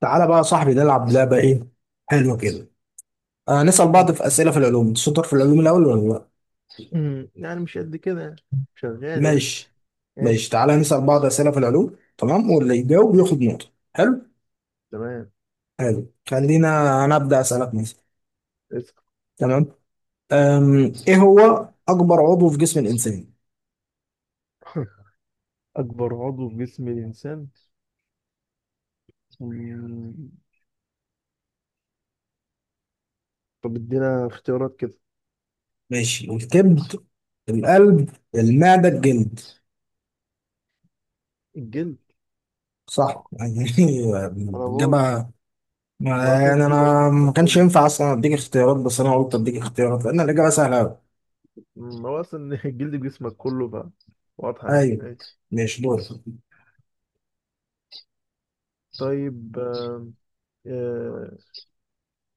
تعالى بقى يا صاحبي، نلعب لعبة. ايه، حلوة كده. نسأل بعض في أسئلة في العلوم. أنت شاطر في العلوم الأول ولا لا؟ يعني مش قد كده يعني. شغال يعني. ماشي. ماشي، ماشي. تعالى نسأل بعض أسئلة في العلوم. تمام، واللي يجاوب ماشي. ياخد نقطة. حلو. تمام. حلو، خلينا أنا أبدأ أسألك مثلا. اسأل. تمام. ايه هو أكبر عضو في جسم الإنسان؟ أكبر عضو في جسم الإنسان؟ مم. طب ادينا اختيارات كده. ماشي، الكبد، القلب، المعدة، الجلد. الجلد. صح يعني. أنا بقول الإجابة. ما أصلا يعني الجلد هو أنا جسمك ما كانش كله. ينفع أصلا أديك اختيارات، بس أنا قلت أديك اختيارات لأن الإجابة سهلة أوي. هو أصلا الجلد جسمك كله بقى. واضحة يعني. ايوه، ماشي. ماشي دور. طيب. آه،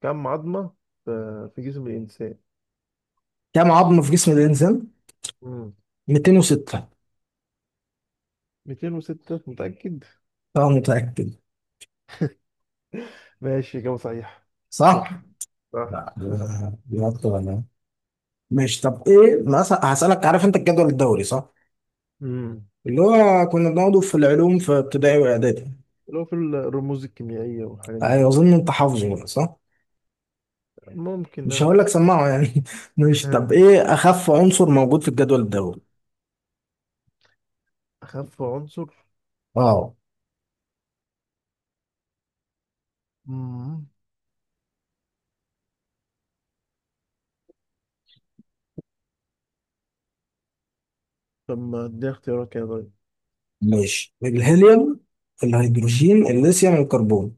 كم عظمة في في جسم الإنسان؟ كم عظمة في جسم الإنسان؟ مم. 206. 206 متأكد؟ أنا متأكد. ماشي، إجابة صحيحة. صح؟ صح. صح. لا، دي أكتر أنا. ماشي، طب إيه مثلا هسألك. عارف أنت الجدول الدوري، صح؟ مم. اللي هو كنا بناخده في العلوم في ابتدائي وإعدادي. لو في الرموز الكيميائية والحاجات أيوة، دي، أظن أنت حافظه بقى، صح؟ ممكن مش اه. هقول لك سمعه يعني. ماشي، طب إيه أخف عنصر موجود في الجدول الدوري؟ أخف عنصر. أه. مم. طب ما اديها اختيارات كده. طيب. ماشي، الهيليوم، الهيدروجين، الليثيوم، الكربون.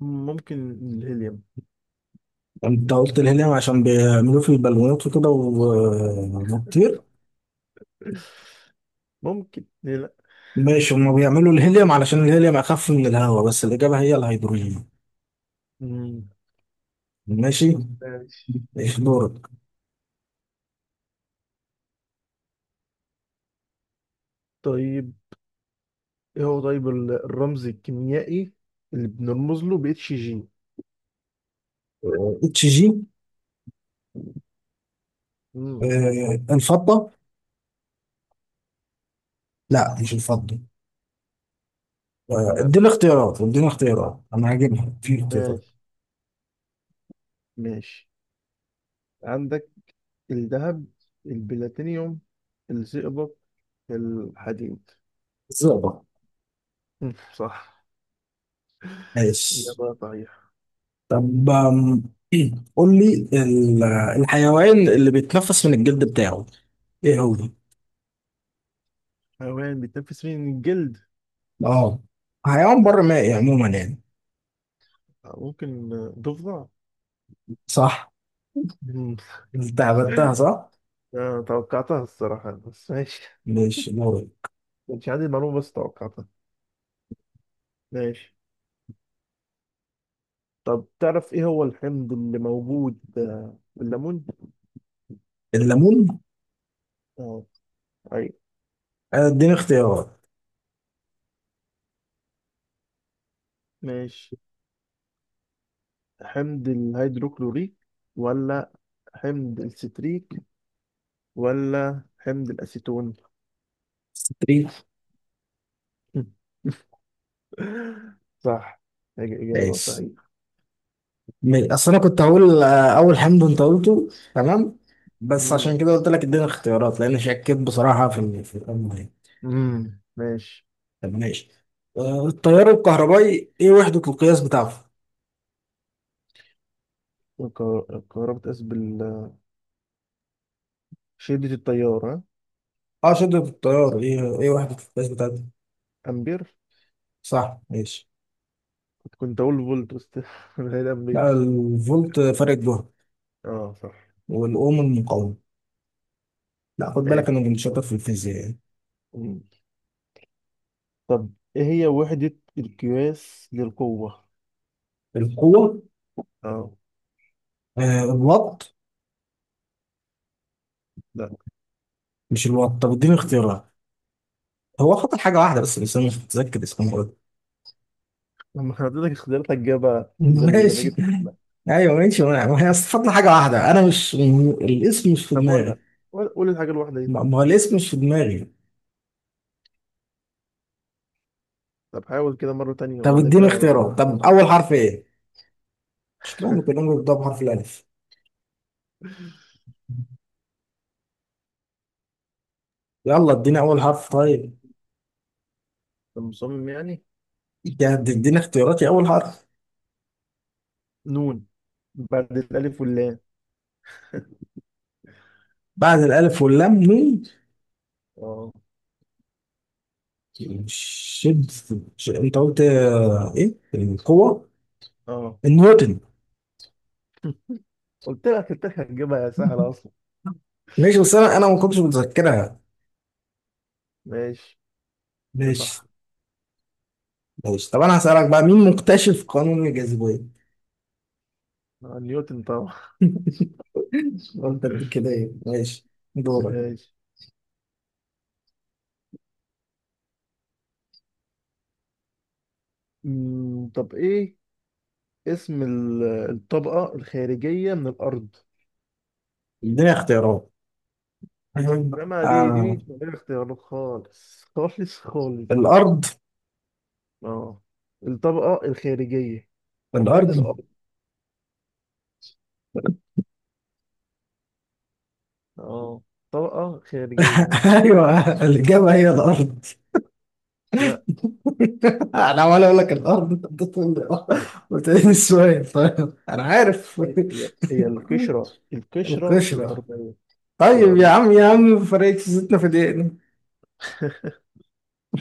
ممكن الهيليوم. أنت قلت يعني، الهيليوم عشان بيعملوه في البالونات وكده وبتطير. ممكن، ليه لأ. ماشي، هما بيعملوا الهيليوم علشان الهيليوم اخف من الهواء، بس الاجابه هي الهيدروجين. مم. ماشي. ماشي. ايش دورك؟ طيب ايه هو، طيب الرمز الكيميائي اللي بنرمز له ب اتش جي؟ اتش جي. مم. الفضه. لا، مش الفضه. طب لا، اديني مش. اختيارات، اديني اختيارات، انا هجيبها في اختيارات. ماشي. ماشي. عندك الذهب، البلاتينيوم، الزئبق، الحديد. الزئبق. مم. صح. ماشي، إجابة صحيحة. طب قول لي الحيوان اللي بيتنفس من الجلد بتاعه، ايه هو؟ حيوان بيتنفس من الجلد. اه، حيوان بر ده مائي عموما يعني. ممكن ضفدع. صح. مم. انت عبدتها، صح؟ آه، توقعتها الصراحة، بس ماشي. ماشي دورك. كانش عندي المعلومة بس توقعتها. ماشي. طب، تعرف ايه هو الحمض اللي موجود في الليمون؟ الليمون. اه. اي. اديني اختيارات. ماشي. حمض الهيدروكلوريك، ولا حمض الستريك، ولا حمض الأسيتون؟ ستريت. صح. إجابة ماشي، صحيحة. اصل انا كنت هقول، اول حمد انت قلته. تمام، بس عشان مم. كده قلت لك اديني اختيارات، لان شكيت بصراحه في في الامر يعني. مم. ماشي. طب ماشي. التيار الكهربائي ايه وحده القياس بتاعته؟ قربت أسبل. شدة التيار، ها؟ اه، شده التيار. ايه وحده القياس بتاعته؟ أمبير. صح، ماشي. كنت اقول فولت بس هي لا، الامبير. الفولت فرق جهد، اه صح. والاوم المقاومه. لا، خد بالك ماشي. انا كنت شاطر في الفيزياء يعني. مم. طب، ايه هي وحدة القياس للقوة؟ القوه. اه. آه، الوات. لا. مش الوات، طب اديني اختيارات. هو خطر حاجه واحده بس انا مش متذكر اسمها. لما حضرتك اختيارات هتجيبها زي اللي ما ماشي. جبت، لا. ايوه ماشي، ما هي استفدنا حاجه واحده، انا مش الاسم مش في طب قولها. دماغي. قول قول الحاجة الواحدة دي. ما هو الاسم مش في دماغي. طب حاول كده مرة تانية طب وبعد اديني كده اختيارات، طب هبقى- اول حرف ايه؟ مش كده ممكن نقول بنبدا بحرف الالف. يلا، اديني اول حرف طيب. طب مصمم يعني. اديني اختياراتي، اول حرف. نون، بعد الألف واللام. بعد الالف واللام مين؟ اه. شد انت قلت، ايه القوه؟ اه. النيوتن. قلت لك، قلت لك هتجيبها يا سهلة أصلا. ماشي، بس انا ما كنتش متذكرها. ماشي. يا ماشي. صح. ماشي، طب انا هسالك بقى، مين مكتشف قانون الجاذبيه؟ آه، نيوتن طبعا. قلت اديك كده، ايه ماشي. دورك. ماشي. طب إيه اسم الطبقة الخارجية من الأرض؟ اديني اختيارات. إنما دي آه. مش من غير اختيارات، خالص خالص خالص. الارض. اه. الطبقة الخارجية من الارض. الأرض. اه، طبقة خارجية، ها؟ ايوه، الاجابه هي الارض. لا. انا عمال اقول لك الارض، أنت بتقول لي لا. قلت لي السؤال، طيب انا عارف. هي هي القشرة القشره. الأرضية، مش طيب يا الأرض. عم، يا عم فرقت زيتنا في دقيقه.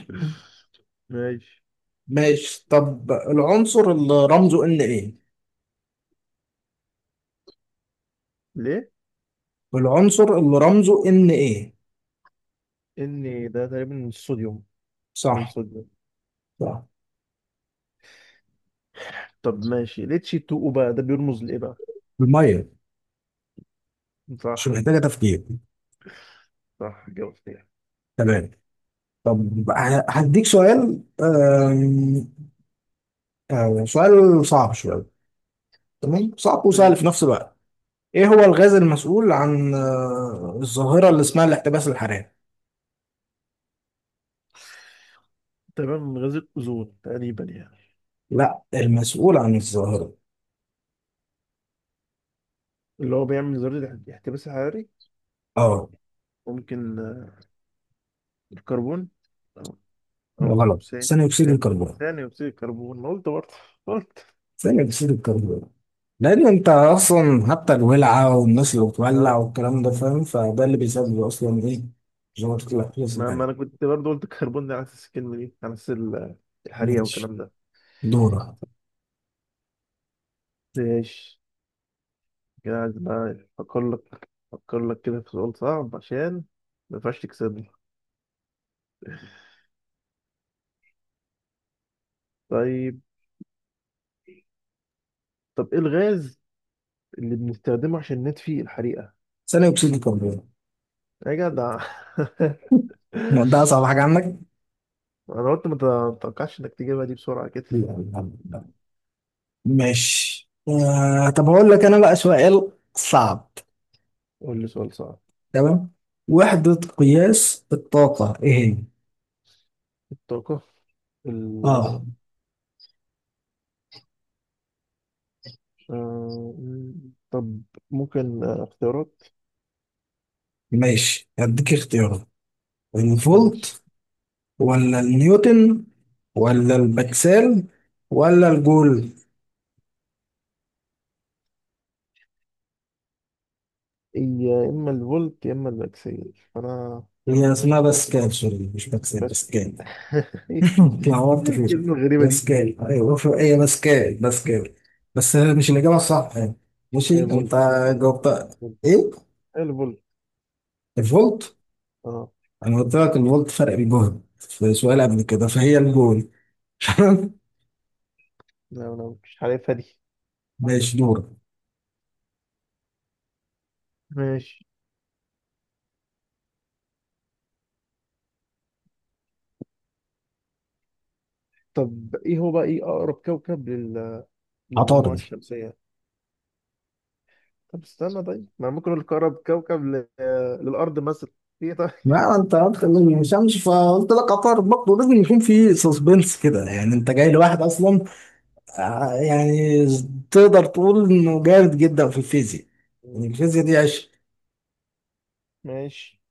ماشي. ماشي، طب العنصر اللي رمزه ان ايه؟ ليه؟ العنصر اللي رمزه ان ايه؟ إن ده تقريبا الصوديوم. صح. الصوديوم. صح. طب ماشي، ليه تشي 2 بقى ده بيرمز لإيه بقى؟ الميه. مش صح. محتاجه تفكير. صح جاوبت. تمام. طب هديك سؤال. آم، آه، سؤال صعب شوية. تمام، صعب وسهل يعني. في نفس الوقت. ايه هو الغاز المسؤول عن الظاهرة اللي اسمها الاحتباس الحراري؟ تقريبا من غاز الأوزون تقريبا يعني. لا، المسؤول عن الظاهرة. اللي هو بيعمل ذرة احتباس حراري. اه. ممكن الكربون. أو أو غلط. ثاني اكسيد ثاني الكربون. ثاني أكسيد الكربون. ما قلت برضه؟ قلت. ثاني اكسيد الكربون، لان انت اصلا حتى الولعة والناس اللي بتولع اه. والكلام ده، فاهم، فده اللي بيسبب اصلا ايه، ظاهرة الاحتباس ما الحراري. أنا كنت برضه قلت الكربون، ده على أساس الكلمة دي، على أساس الحريقة ماشي. والكلام ده. دورة. ماشي. كده عايز بقى أفكر لك كده في سؤال صعب، عشان ما ينفعش تكسبني. طيب. طب إيه الغاز اللي بنستخدمه عشان نطفي الحريقة؟ ثاني اكسيد الكربون. يا جدع. ده اصعب حاجة عندك؟ انا قلت، ما تتوقعش انك تجيبها دي بسرعة كده. لا. لا. ماشي، آه طب هقول لك انا بقى سؤال صعب. قول لي سؤال صعب. تمام، وحدة قياس الطاقة ايه هي؟ الطاقة اه. ال... طب ممكن اختيارات. ماشي، هديك اختيارات. ماشي. الفولت، ولا النيوتن، ولا البكسل، ولا الجول. يا اما الفولت، يا اما البكسل. انا هي اسمها باسكال، سوري مش بكسل، بس. باسكال. ايه اتلخبطت في الكلمة الغريبة دي؟ باسكال. ايوه، هي باسكال، باسكال. بس مش الإجابة الصح يعني. ماشي، إيه، فولت؟ انت فولت. جاوبت ايه؟ إيه الفولت؟ الفولت. اه. انا قلت لك ان قلت فرق الجهد في سؤال قبل كده، فهي الجول. لا، انا مش عارفها دي. ماشي دور. ماشي. طب ايه هو بقى، ايه اقرب كوكب للمجموعة عطارد. الشمسية؟ طب استنى. طيب ما أنا ممكن اقول لك اقرب كوكب للارض مثلا. في إيه طيب؟ ما انت قلت اني مش همشي، فقلت لك عطارد. برضه لازم يكون في سسبنس كده يعني، انت جاي لواحد اصلا يعني تقدر تقول انه جامد جدا في الفيزياء، يعني مم. الفيزياء دي عشق. ماشي.